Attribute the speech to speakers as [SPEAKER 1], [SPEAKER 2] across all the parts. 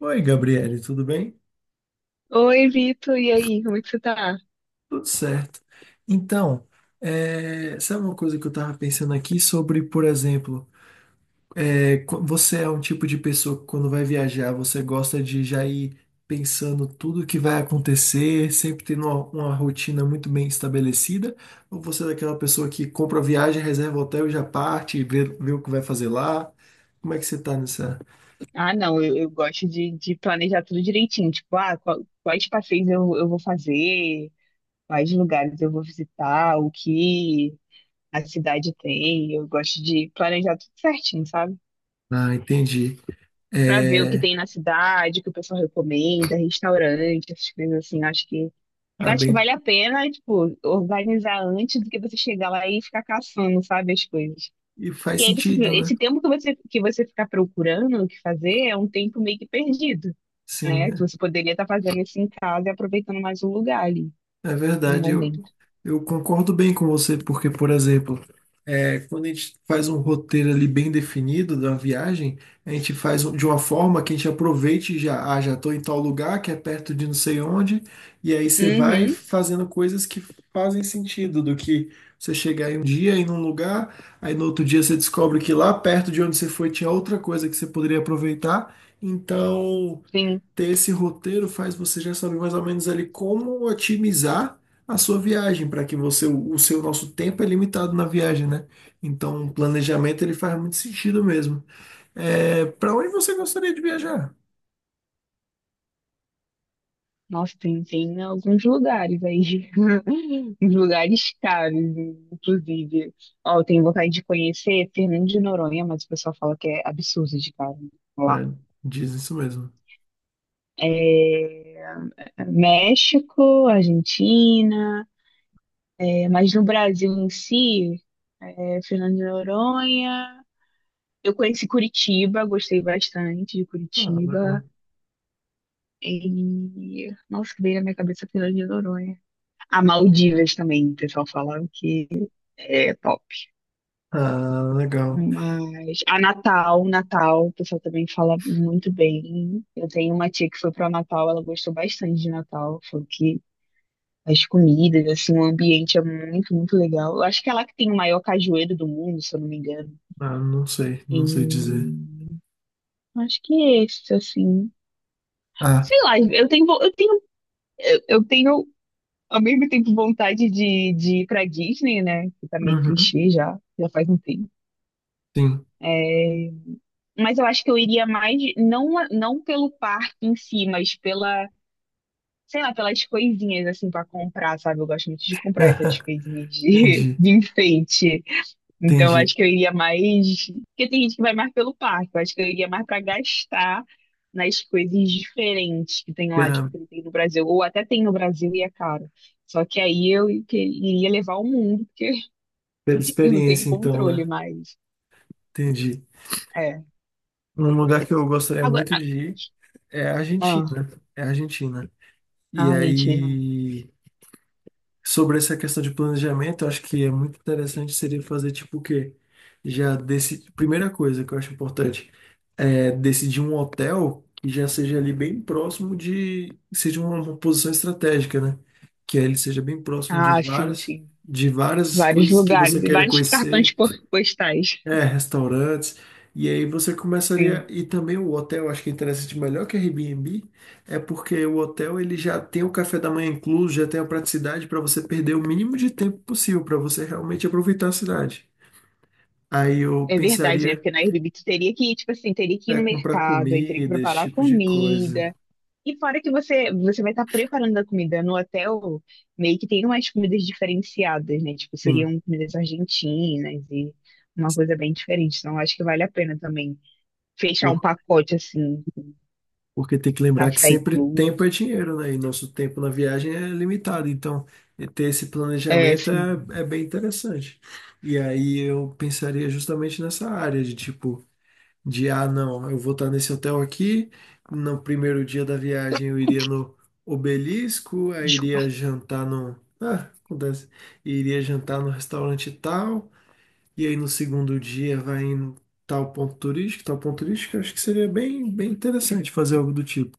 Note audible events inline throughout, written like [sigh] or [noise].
[SPEAKER 1] Oi, Gabriele, tudo bem?
[SPEAKER 2] Oi, Vitor, e aí, como é que você tá?
[SPEAKER 1] Tudo certo. Então, sabe uma coisa que eu estava pensando aqui sobre, por exemplo, você é um tipo de pessoa que quando vai viajar, você gosta de já ir pensando tudo o que vai acontecer, sempre tendo uma rotina muito bem estabelecida? Ou você é daquela pessoa que compra a viagem, reserva o hotel e já parte, e vê o que vai fazer lá? Como é que você está nessa?
[SPEAKER 2] Ah, não, eu gosto de planejar tudo direitinho. Tipo, ah, quais passeios eu vou fazer, quais lugares eu vou visitar, o que a cidade tem. Eu gosto de planejar tudo certinho, sabe?
[SPEAKER 1] Ah, entendi.
[SPEAKER 2] Pra ver o que
[SPEAKER 1] É,
[SPEAKER 2] tem na cidade, o que o pessoal recomenda, restaurante, essas coisas assim. Eu
[SPEAKER 1] ah,
[SPEAKER 2] acho que
[SPEAKER 1] bem,
[SPEAKER 2] vale a pena, tipo, organizar antes do que você chegar lá e ficar caçando, sabe, as coisas.
[SPEAKER 1] e faz
[SPEAKER 2] E aí você,
[SPEAKER 1] sentido, né?
[SPEAKER 2] esse tempo que você ficar procurando o que fazer é um tempo meio que perdido,
[SPEAKER 1] Sim,
[SPEAKER 2] né? Que
[SPEAKER 1] é.
[SPEAKER 2] você poderia estar fazendo isso em casa e aproveitando mais o lugar ali,
[SPEAKER 1] É
[SPEAKER 2] no
[SPEAKER 1] verdade, eu,
[SPEAKER 2] momento.
[SPEAKER 1] eu concordo bem com você, porque, por exemplo, quando a gente faz um roteiro ali bem definido da viagem, a gente de uma forma que a gente aproveite e já, ah, já estou em tal lugar, que é perto de não sei onde, e aí você vai
[SPEAKER 2] Uhum,
[SPEAKER 1] fazendo coisas que fazem sentido, do que você chegar em um dia em um lugar, aí no outro dia você descobre que lá perto de onde você foi tinha outra coisa que você poderia aproveitar, então
[SPEAKER 2] sim.
[SPEAKER 1] ter esse roteiro faz você já saber mais ou menos ali como otimizar a sua viagem, para que você, o seu nosso tempo é limitado na viagem, né? Então, o planejamento ele faz muito sentido mesmo. É, para onde você gostaria de viajar?
[SPEAKER 2] Nossa, tem alguns lugares aí. [laughs] Uns lugares caros, inclusive. Ó, eu tenho vontade de conhecer Fernando de Noronha, mas o pessoal fala que é absurdo de caro
[SPEAKER 1] É,
[SPEAKER 2] lá.
[SPEAKER 1] diz isso mesmo.
[SPEAKER 2] É, é, México, Argentina. É, mas no Brasil em si, é, Fernando de Noronha, eu conheci Curitiba, gostei bastante de
[SPEAKER 1] Ah,
[SPEAKER 2] Curitiba.
[SPEAKER 1] legal.
[SPEAKER 2] E, nossa, que veio na minha cabeça Fernando de Noronha. A Maldivas também, o pessoal falava que é top.
[SPEAKER 1] Ah, legal.
[SPEAKER 2] Mas a Natal, Natal, o pessoal também fala muito bem. Eu tenho uma tia que foi para Natal, ela gostou bastante de Natal, falou que as comidas, assim, o ambiente é muito, muito legal. Eu acho que é lá que tem o maior cajueiro do mundo, se eu não me engano.
[SPEAKER 1] Ah, não sei,
[SPEAKER 2] E
[SPEAKER 1] não sei dizer.
[SPEAKER 2] acho que é esse, assim.
[SPEAKER 1] Ah,
[SPEAKER 2] Sei lá, eu tenho ao mesmo tempo vontade de ir pra Disney, né? Que tá meio
[SPEAKER 1] uhum,
[SPEAKER 2] clichê já, já faz um tempo.
[SPEAKER 1] sim.
[SPEAKER 2] Mas eu acho que eu iria mais, não pelo parque em si, mas pela, sei lá, pelas coisinhas, assim, pra comprar, sabe? Eu gosto muito de comprar essas
[SPEAKER 1] [laughs]
[SPEAKER 2] coisinhas de, [laughs]
[SPEAKER 1] Entendi,
[SPEAKER 2] de enfeite. Então, eu
[SPEAKER 1] entendi.
[SPEAKER 2] acho que eu iria mais. Porque tem gente que vai mais pelo parque. Eu acho que eu iria mais para gastar nas coisas diferentes que tem lá, tipo,
[SPEAKER 1] Pela,
[SPEAKER 2] que não tem no Brasil. Ou até tem no Brasil e é caro. Só que aí eu iria levar o mundo, porque
[SPEAKER 1] pela
[SPEAKER 2] [laughs] eu não tenho
[SPEAKER 1] experiência, então,
[SPEAKER 2] controle
[SPEAKER 1] né?
[SPEAKER 2] mais.
[SPEAKER 1] Entendi.
[SPEAKER 2] É.
[SPEAKER 1] Um lugar que eu gostaria muito
[SPEAKER 2] Agora.
[SPEAKER 1] de ir. É a
[SPEAKER 2] Ah,
[SPEAKER 1] Argentina, é a Argentina. E
[SPEAKER 2] ah, Argentina.
[SPEAKER 1] aí, sobre essa questão de planejamento, eu acho que é muito interessante seria fazer tipo o quê? Já desse, primeira coisa que eu acho importante é decidir um hotel que já seja ali bem próximo de, seja uma posição estratégica, né? Que aí ele seja bem próximo de
[SPEAKER 2] Ah, sim, sim.
[SPEAKER 1] de várias
[SPEAKER 2] Vários
[SPEAKER 1] coisas que
[SPEAKER 2] lugares,
[SPEAKER 1] você quer
[SPEAKER 2] vários
[SPEAKER 1] conhecer
[SPEAKER 2] postais.
[SPEAKER 1] é, restaurantes. E aí você
[SPEAKER 2] Sim.
[SPEAKER 1] começaria. E também o hotel, acho que é interessante, melhor que Airbnb, é porque o hotel ele já tem o café da manhã incluso, já tem a praticidade para você perder o mínimo de tempo possível, para você realmente aproveitar a cidade. Aí eu
[SPEAKER 2] É verdade, né?
[SPEAKER 1] pensaria
[SPEAKER 2] Porque na Airbnb tu teria que ir, tipo assim, teria que ir
[SPEAKER 1] é
[SPEAKER 2] no
[SPEAKER 1] comprar
[SPEAKER 2] mercado, aí teria que
[SPEAKER 1] comida, esse
[SPEAKER 2] preparar
[SPEAKER 1] tipo de coisa.
[SPEAKER 2] comida. E fora que você vai estar preparando a comida no hotel, meio que tem umas comidas diferenciadas, né? Tipo,
[SPEAKER 1] Sim.
[SPEAKER 2] seriam comidas argentinas e uma coisa bem diferente. Então, eu acho que vale a pena também fechar um pacote assim,
[SPEAKER 1] Porque tem que lembrar que
[SPEAKER 2] café
[SPEAKER 1] sempre tempo é
[SPEAKER 2] incluso.
[SPEAKER 1] dinheiro, né? E nosso tempo na viagem é limitado. Então, e ter esse
[SPEAKER 2] É,
[SPEAKER 1] planejamento
[SPEAKER 2] assim,
[SPEAKER 1] é bem interessante. E aí eu pensaria justamente nessa área de tipo, de ah, não, eu vou estar nesse hotel aqui. No primeiro dia da viagem eu iria no Obelisco, aí iria
[SPEAKER 2] desculpa.
[SPEAKER 1] jantar no. Ah, acontece. Iria jantar no restaurante tal. E aí no segundo dia vai em tal ponto turístico, tal ponto turístico. Eu acho que seria bem interessante fazer algo do tipo.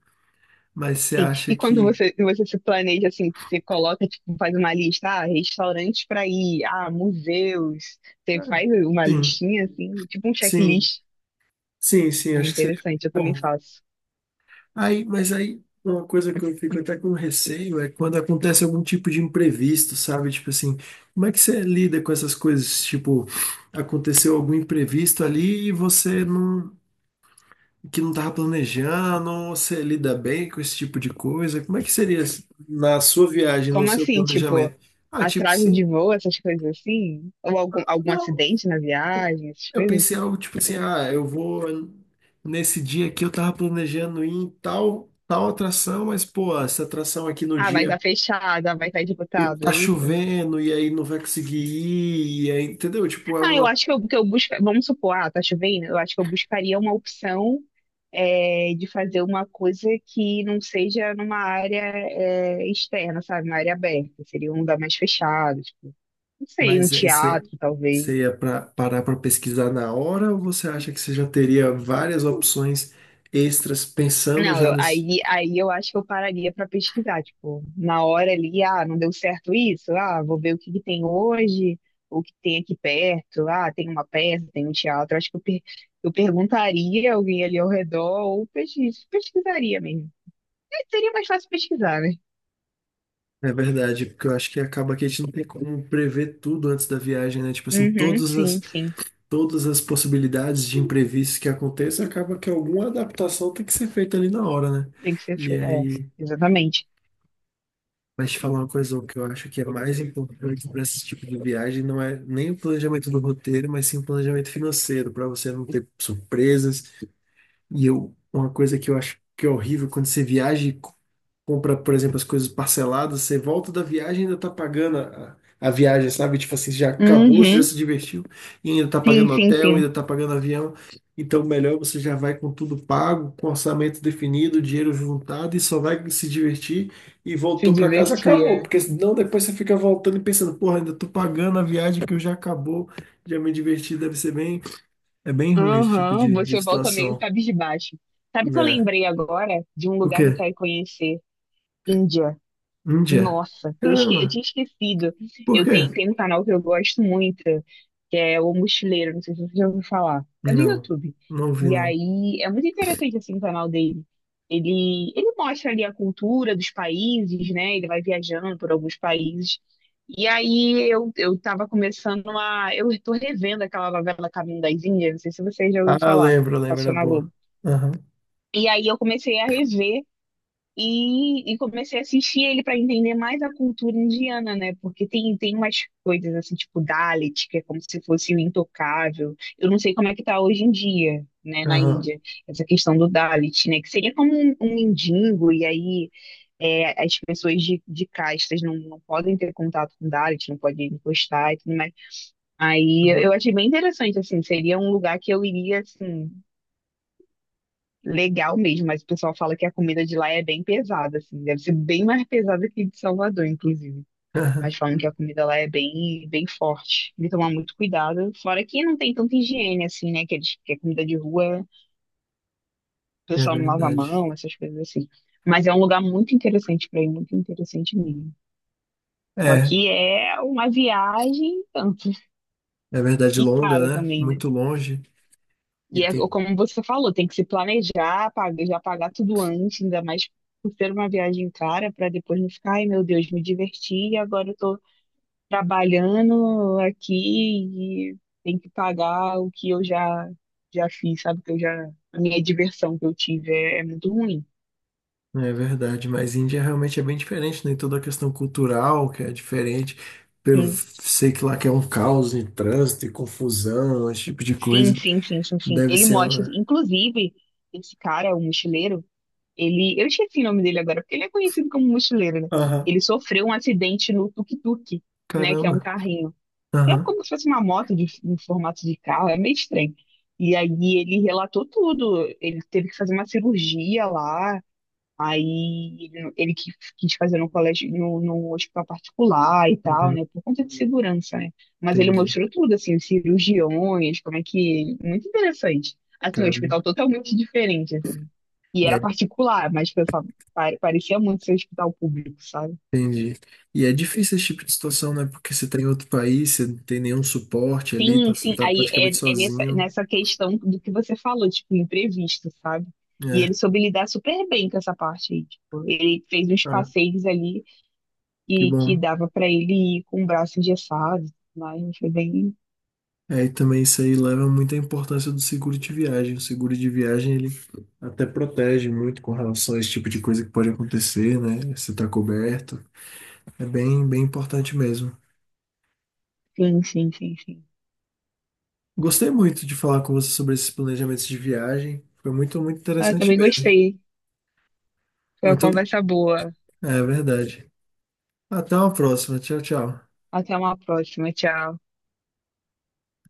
[SPEAKER 1] Mas você
[SPEAKER 2] Enfim,
[SPEAKER 1] acha
[SPEAKER 2] e quando
[SPEAKER 1] que.
[SPEAKER 2] você se planeja assim, você coloca, tipo, faz uma lista, ah, restaurantes para ir, ah, museus. Você
[SPEAKER 1] Ah,
[SPEAKER 2] faz uma
[SPEAKER 1] sim,
[SPEAKER 2] listinha assim, tipo um
[SPEAKER 1] sim,
[SPEAKER 2] checklist.
[SPEAKER 1] sim, sim,
[SPEAKER 2] É
[SPEAKER 1] acho que seria
[SPEAKER 2] interessante, eu também
[SPEAKER 1] bom.
[SPEAKER 2] faço.
[SPEAKER 1] Aí, uma coisa que eu fico até com receio é quando acontece algum tipo de imprevisto, sabe? Tipo assim, como é que você lida com essas coisas? Tipo, aconteceu algum imprevisto ali e você não, que não estava planejando, ou você lida bem com esse tipo de coisa? Como é que seria na sua viagem, no
[SPEAKER 2] Como
[SPEAKER 1] seu
[SPEAKER 2] assim? Tipo,
[SPEAKER 1] planejamento? Ah, tipo,
[SPEAKER 2] atraso de
[SPEAKER 1] você.
[SPEAKER 2] voo, essas coisas assim? Ou algum
[SPEAKER 1] Não.
[SPEAKER 2] acidente na viagem, essas
[SPEAKER 1] Eu
[SPEAKER 2] coisas?
[SPEAKER 1] pensei algo tipo assim, ah, eu vou nesse dia aqui eu tava planejando ir em tal atração, mas pô, essa atração aqui no
[SPEAKER 2] Ah, vai
[SPEAKER 1] dia
[SPEAKER 2] estar fechado, ah, vai estar
[SPEAKER 1] o
[SPEAKER 2] disputado
[SPEAKER 1] tá
[SPEAKER 2] é isso?
[SPEAKER 1] chovendo e aí não vai conseguir ir, e aí, entendeu? Tipo, é
[SPEAKER 2] Ah, eu
[SPEAKER 1] uma,
[SPEAKER 2] acho que eu busca... Vamos supor, ah, tá chovendo? Eu acho que eu buscaria uma opção é, de fazer uma coisa que não seja numa área é, externa, sabe? Uma área aberta. Seria um lugar mais fechado, tipo, não sei, um
[SPEAKER 1] mas aí
[SPEAKER 2] teatro, talvez.
[SPEAKER 1] você ia pra, parar para pesquisar na hora ou você acha que você já teria várias opções extras pensando
[SPEAKER 2] Não,
[SPEAKER 1] já
[SPEAKER 2] eu-
[SPEAKER 1] nesse
[SPEAKER 2] aí, aí eu acho que eu pararia para pesquisar, tipo, na hora ali, ah, não deu certo isso, ah, vou ver o que que tem hoje, o que tem aqui perto, ah, tem uma peça, tem um teatro, acho que eu, per- eu perguntaria a alguém ali ao redor ou pesquisaria mesmo. Mas seria mais fácil pesquisar, né?
[SPEAKER 1] É verdade, porque eu acho que acaba que a gente não tem como prever tudo antes da viagem, né? Tipo assim,
[SPEAKER 2] Uhum, sim, sim,
[SPEAKER 1] todas as possibilidades de imprevistos que aconteçam, acaba que alguma adaptação tem que ser feita ali na hora, né?
[SPEAKER 2] tem que ser,
[SPEAKER 1] E
[SPEAKER 2] fe- é,
[SPEAKER 1] aí,
[SPEAKER 2] exatamente.
[SPEAKER 1] mas te falar uma coisa, o que eu acho que é mais importante para esse tipo de viagem não é nem o planejamento do roteiro, mas sim o planejamento financeiro, para você não ter surpresas. Uma coisa que eu acho que é horrível quando você viaja compra, por exemplo, as coisas parceladas, você volta da viagem e ainda tá pagando a viagem, sabe? Tipo assim, já acabou, você já
[SPEAKER 2] Uhum,
[SPEAKER 1] se divertiu e ainda tá
[SPEAKER 2] sim,
[SPEAKER 1] pagando
[SPEAKER 2] sim,
[SPEAKER 1] hotel,
[SPEAKER 2] sim,
[SPEAKER 1] ainda tá pagando avião. Então, melhor você já vai com tudo pago, com orçamento definido, dinheiro juntado e só vai se divertir e
[SPEAKER 2] se
[SPEAKER 1] voltou para casa,
[SPEAKER 2] divertir,
[SPEAKER 1] acabou.
[SPEAKER 2] é.
[SPEAKER 1] Porque senão depois você fica voltando e pensando, porra, ainda tô pagando a viagem que eu já acabou, já me diverti, deve ser bem. É bem ruim esse tipo
[SPEAKER 2] Aham,
[SPEAKER 1] de
[SPEAKER 2] você volta meio
[SPEAKER 1] situação.
[SPEAKER 2] cabisbaixo. Sabe que eu
[SPEAKER 1] É.
[SPEAKER 2] lembrei agora de um
[SPEAKER 1] O
[SPEAKER 2] lugar que eu
[SPEAKER 1] quê?
[SPEAKER 2] quero conhecer? Índia.
[SPEAKER 1] Índia?
[SPEAKER 2] Nossa, eu
[SPEAKER 1] Caramba.
[SPEAKER 2] tinha esquecido.
[SPEAKER 1] Por quê?
[SPEAKER 2] Tem um canal que eu gosto muito, que é O Mochileiro, não sei se você já ouviu falar. É do
[SPEAKER 1] Não,
[SPEAKER 2] YouTube.
[SPEAKER 1] não vi
[SPEAKER 2] E
[SPEAKER 1] não.
[SPEAKER 2] aí é muito interessante assim o canal dele. Ele mostra ali a cultura dos países, né? Ele vai viajando por alguns países. E aí eu tava começando a. Eu tô revendo aquela novela Caminho das Índias, não sei se você já ouviu
[SPEAKER 1] Ah,
[SPEAKER 2] falar,
[SPEAKER 1] lembro, lembro, era
[SPEAKER 2] passou na
[SPEAKER 1] boa.
[SPEAKER 2] Globo.
[SPEAKER 1] Aham,
[SPEAKER 2] E aí eu comecei a rever. E comecei a assistir ele para entender mais a cultura indiana, né? Porque tem umas coisas assim, tipo Dalit, que é como se fosse o intocável. Eu não sei como é que tá hoje em dia, né, na
[SPEAKER 1] aham,
[SPEAKER 2] Índia, essa questão do Dalit, né? Que seria como um mendigo, e aí é, as pessoas de castas não podem ter contato com Dalit, não podem encostar e tudo mais. Aí eu
[SPEAKER 1] uhum,
[SPEAKER 2] achei bem interessante, assim, seria um lugar que eu iria, assim legal mesmo, mas o pessoal fala que a comida de lá é bem pesada, assim, deve ser bem mais pesada que de Salvador, inclusive.
[SPEAKER 1] [laughs] aham.
[SPEAKER 2] Mas falam que a comida lá é bem, bem forte. Tem que tomar muito cuidado. Fora que não tem tanta higiene, assim, né? Que, eles, que a comida de rua, o
[SPEAKER 1] É
[SPEAKER 2] pessoal não lava a
[SPEAKER 1] verdade.
[SPEAKER 2] mão, essas coisas assim. Mas é um lugar muito interessante pra ir, muito interessante mesmo. Só
[SPEAKER 1] É,
[SPEAKER 2] que é uma viagem e tanto.
[SPEAKER 1] é verdade
[SPEAKER 2] E cara
[SPEAKER 1] longa, né?
[SPEAKER 2] também, né?
[SPEAKER 1] Muito longe. E
[SPEAKER 2] E é
[SPEAKER 1] tem...
[SPEAKER 2] como você falou, tem que se planejar, pagar, já pagar tudo antes, ainda mais por ser uma viagem cara, para depois não ficar, ai meu Deus, me diverti e agora eu tô trabalhando aqui e tem que pagar o que eu já fiz, sabe? Que eu já a minha diversão que eu tive é muito ruim.
[SPEAKER 1] É verdade, mas Índia realmente é bem diferente, né? Toda a questão cultural que é diferente. Eu sei que lá que é um caos em trânsito e confusão, esse tipo de
[SPEAKER 2] Sim,
[SPEAKER 1] coisa.
[SPEAKER 2] sim, sim, sim, sim, sim.
[SPEAKER 1] Deve
[SPEAKER 2] Ele
[SPEAKER 1] ser
[SPEAKER 2] mostra,
[SPEAKER 1] uma...
[SPEAKER 2] inclusive, esse cara, o mochileiro. Ele, eu esqueci o nome dele agora, porque ele é conhecido como mochileiro, né?
[SPEAKER 1] Aham,
[SPEAKER 2] Ele sofreu um acidente no tuk-tuk, né? Que é um
[SPEAKER 1] caramba.
[SPEAKER 2] carrinho. É
[SPEAKER 1] Aham,
[SPEAKER 2] como se fosse uma moto de, em formato de carro, é meio estranho. E aí ele relatou tudo. Ele teve que fazer uma cirurgia lá. Ele quis fazer no colégio, no hospital particular e tal,
[SPEAKER 1] uhum,
[SPEAKER 2] né? Por conta de segurança, né? Mas ele
[SPEAKER 1] entendi.
[SPEAKER 2] mostrou tudo, assim, os cirurgiões, como é que. Muito interessante. Assim, um
[SPEAKER 1] Caramba.
[SPEAKER 2] hospital totalmente diferente, assim. E era particular, mas pensava, parecia muito ser hospital público, sabe?
[SPEAKER 1] Entendi. E é difícil esse tipo de situação, né? Porque você tá em outro país, você não tem nenhum suporte ali,
[SPEAKER 2] Sim, sim.
[SPEAKER 1] tá
[SPEAKER 2] Aí
[SPEAKER 1] praticamente
[SPEAKER 2] é, é
[SPEAKER 1] sozinho.
[SPEAKER 2] nessa questão do que você falou, tipo, imprevisto, sabe? E ele
[SPEAKER 1] É,
[SPEAKER 2] soube lidar super bem com essa parte aí, tipo, ele fez uns
[SPEAKER 1] ah,
[SPEAKER 2] passeios ali
[SPEAKER 1] que
[SPEAKER 2] e que
[SPEAKER 1] bom.
[SPEAKER 2] dava pra ele ir com o braço engessado, mas foi bem.
[SPEAKER 1] É, e também isso aí leva muito à importância do seguro de viagem. O seguro de viagem, ele até protege muito com relação a esse tipo de coisa que pode acontecer, né? Você tá coberto. É bem importante mesmo.
[SPEAKER 2] Sim, sim, sim, sim.
[SPEAKER 1] Gostei muito de falar com você sobre esses planejamentos de viagem. Foi muito
[SPEAKER 2] Ah, eu
[SPEAKER 1] interessante
[SPEAKER 2] também
[SPEAKER 1] mesmo.
[SPEAKER 2] gostei. Foi uma
[SPEAKER 1] Muito,
[SPEAKER 2] conversa boa.
[SPEAKER 1] é verdade. Até uma próxima. Tchau, tchau.
[SPEAKER 2] Até uma próxima. Tchau.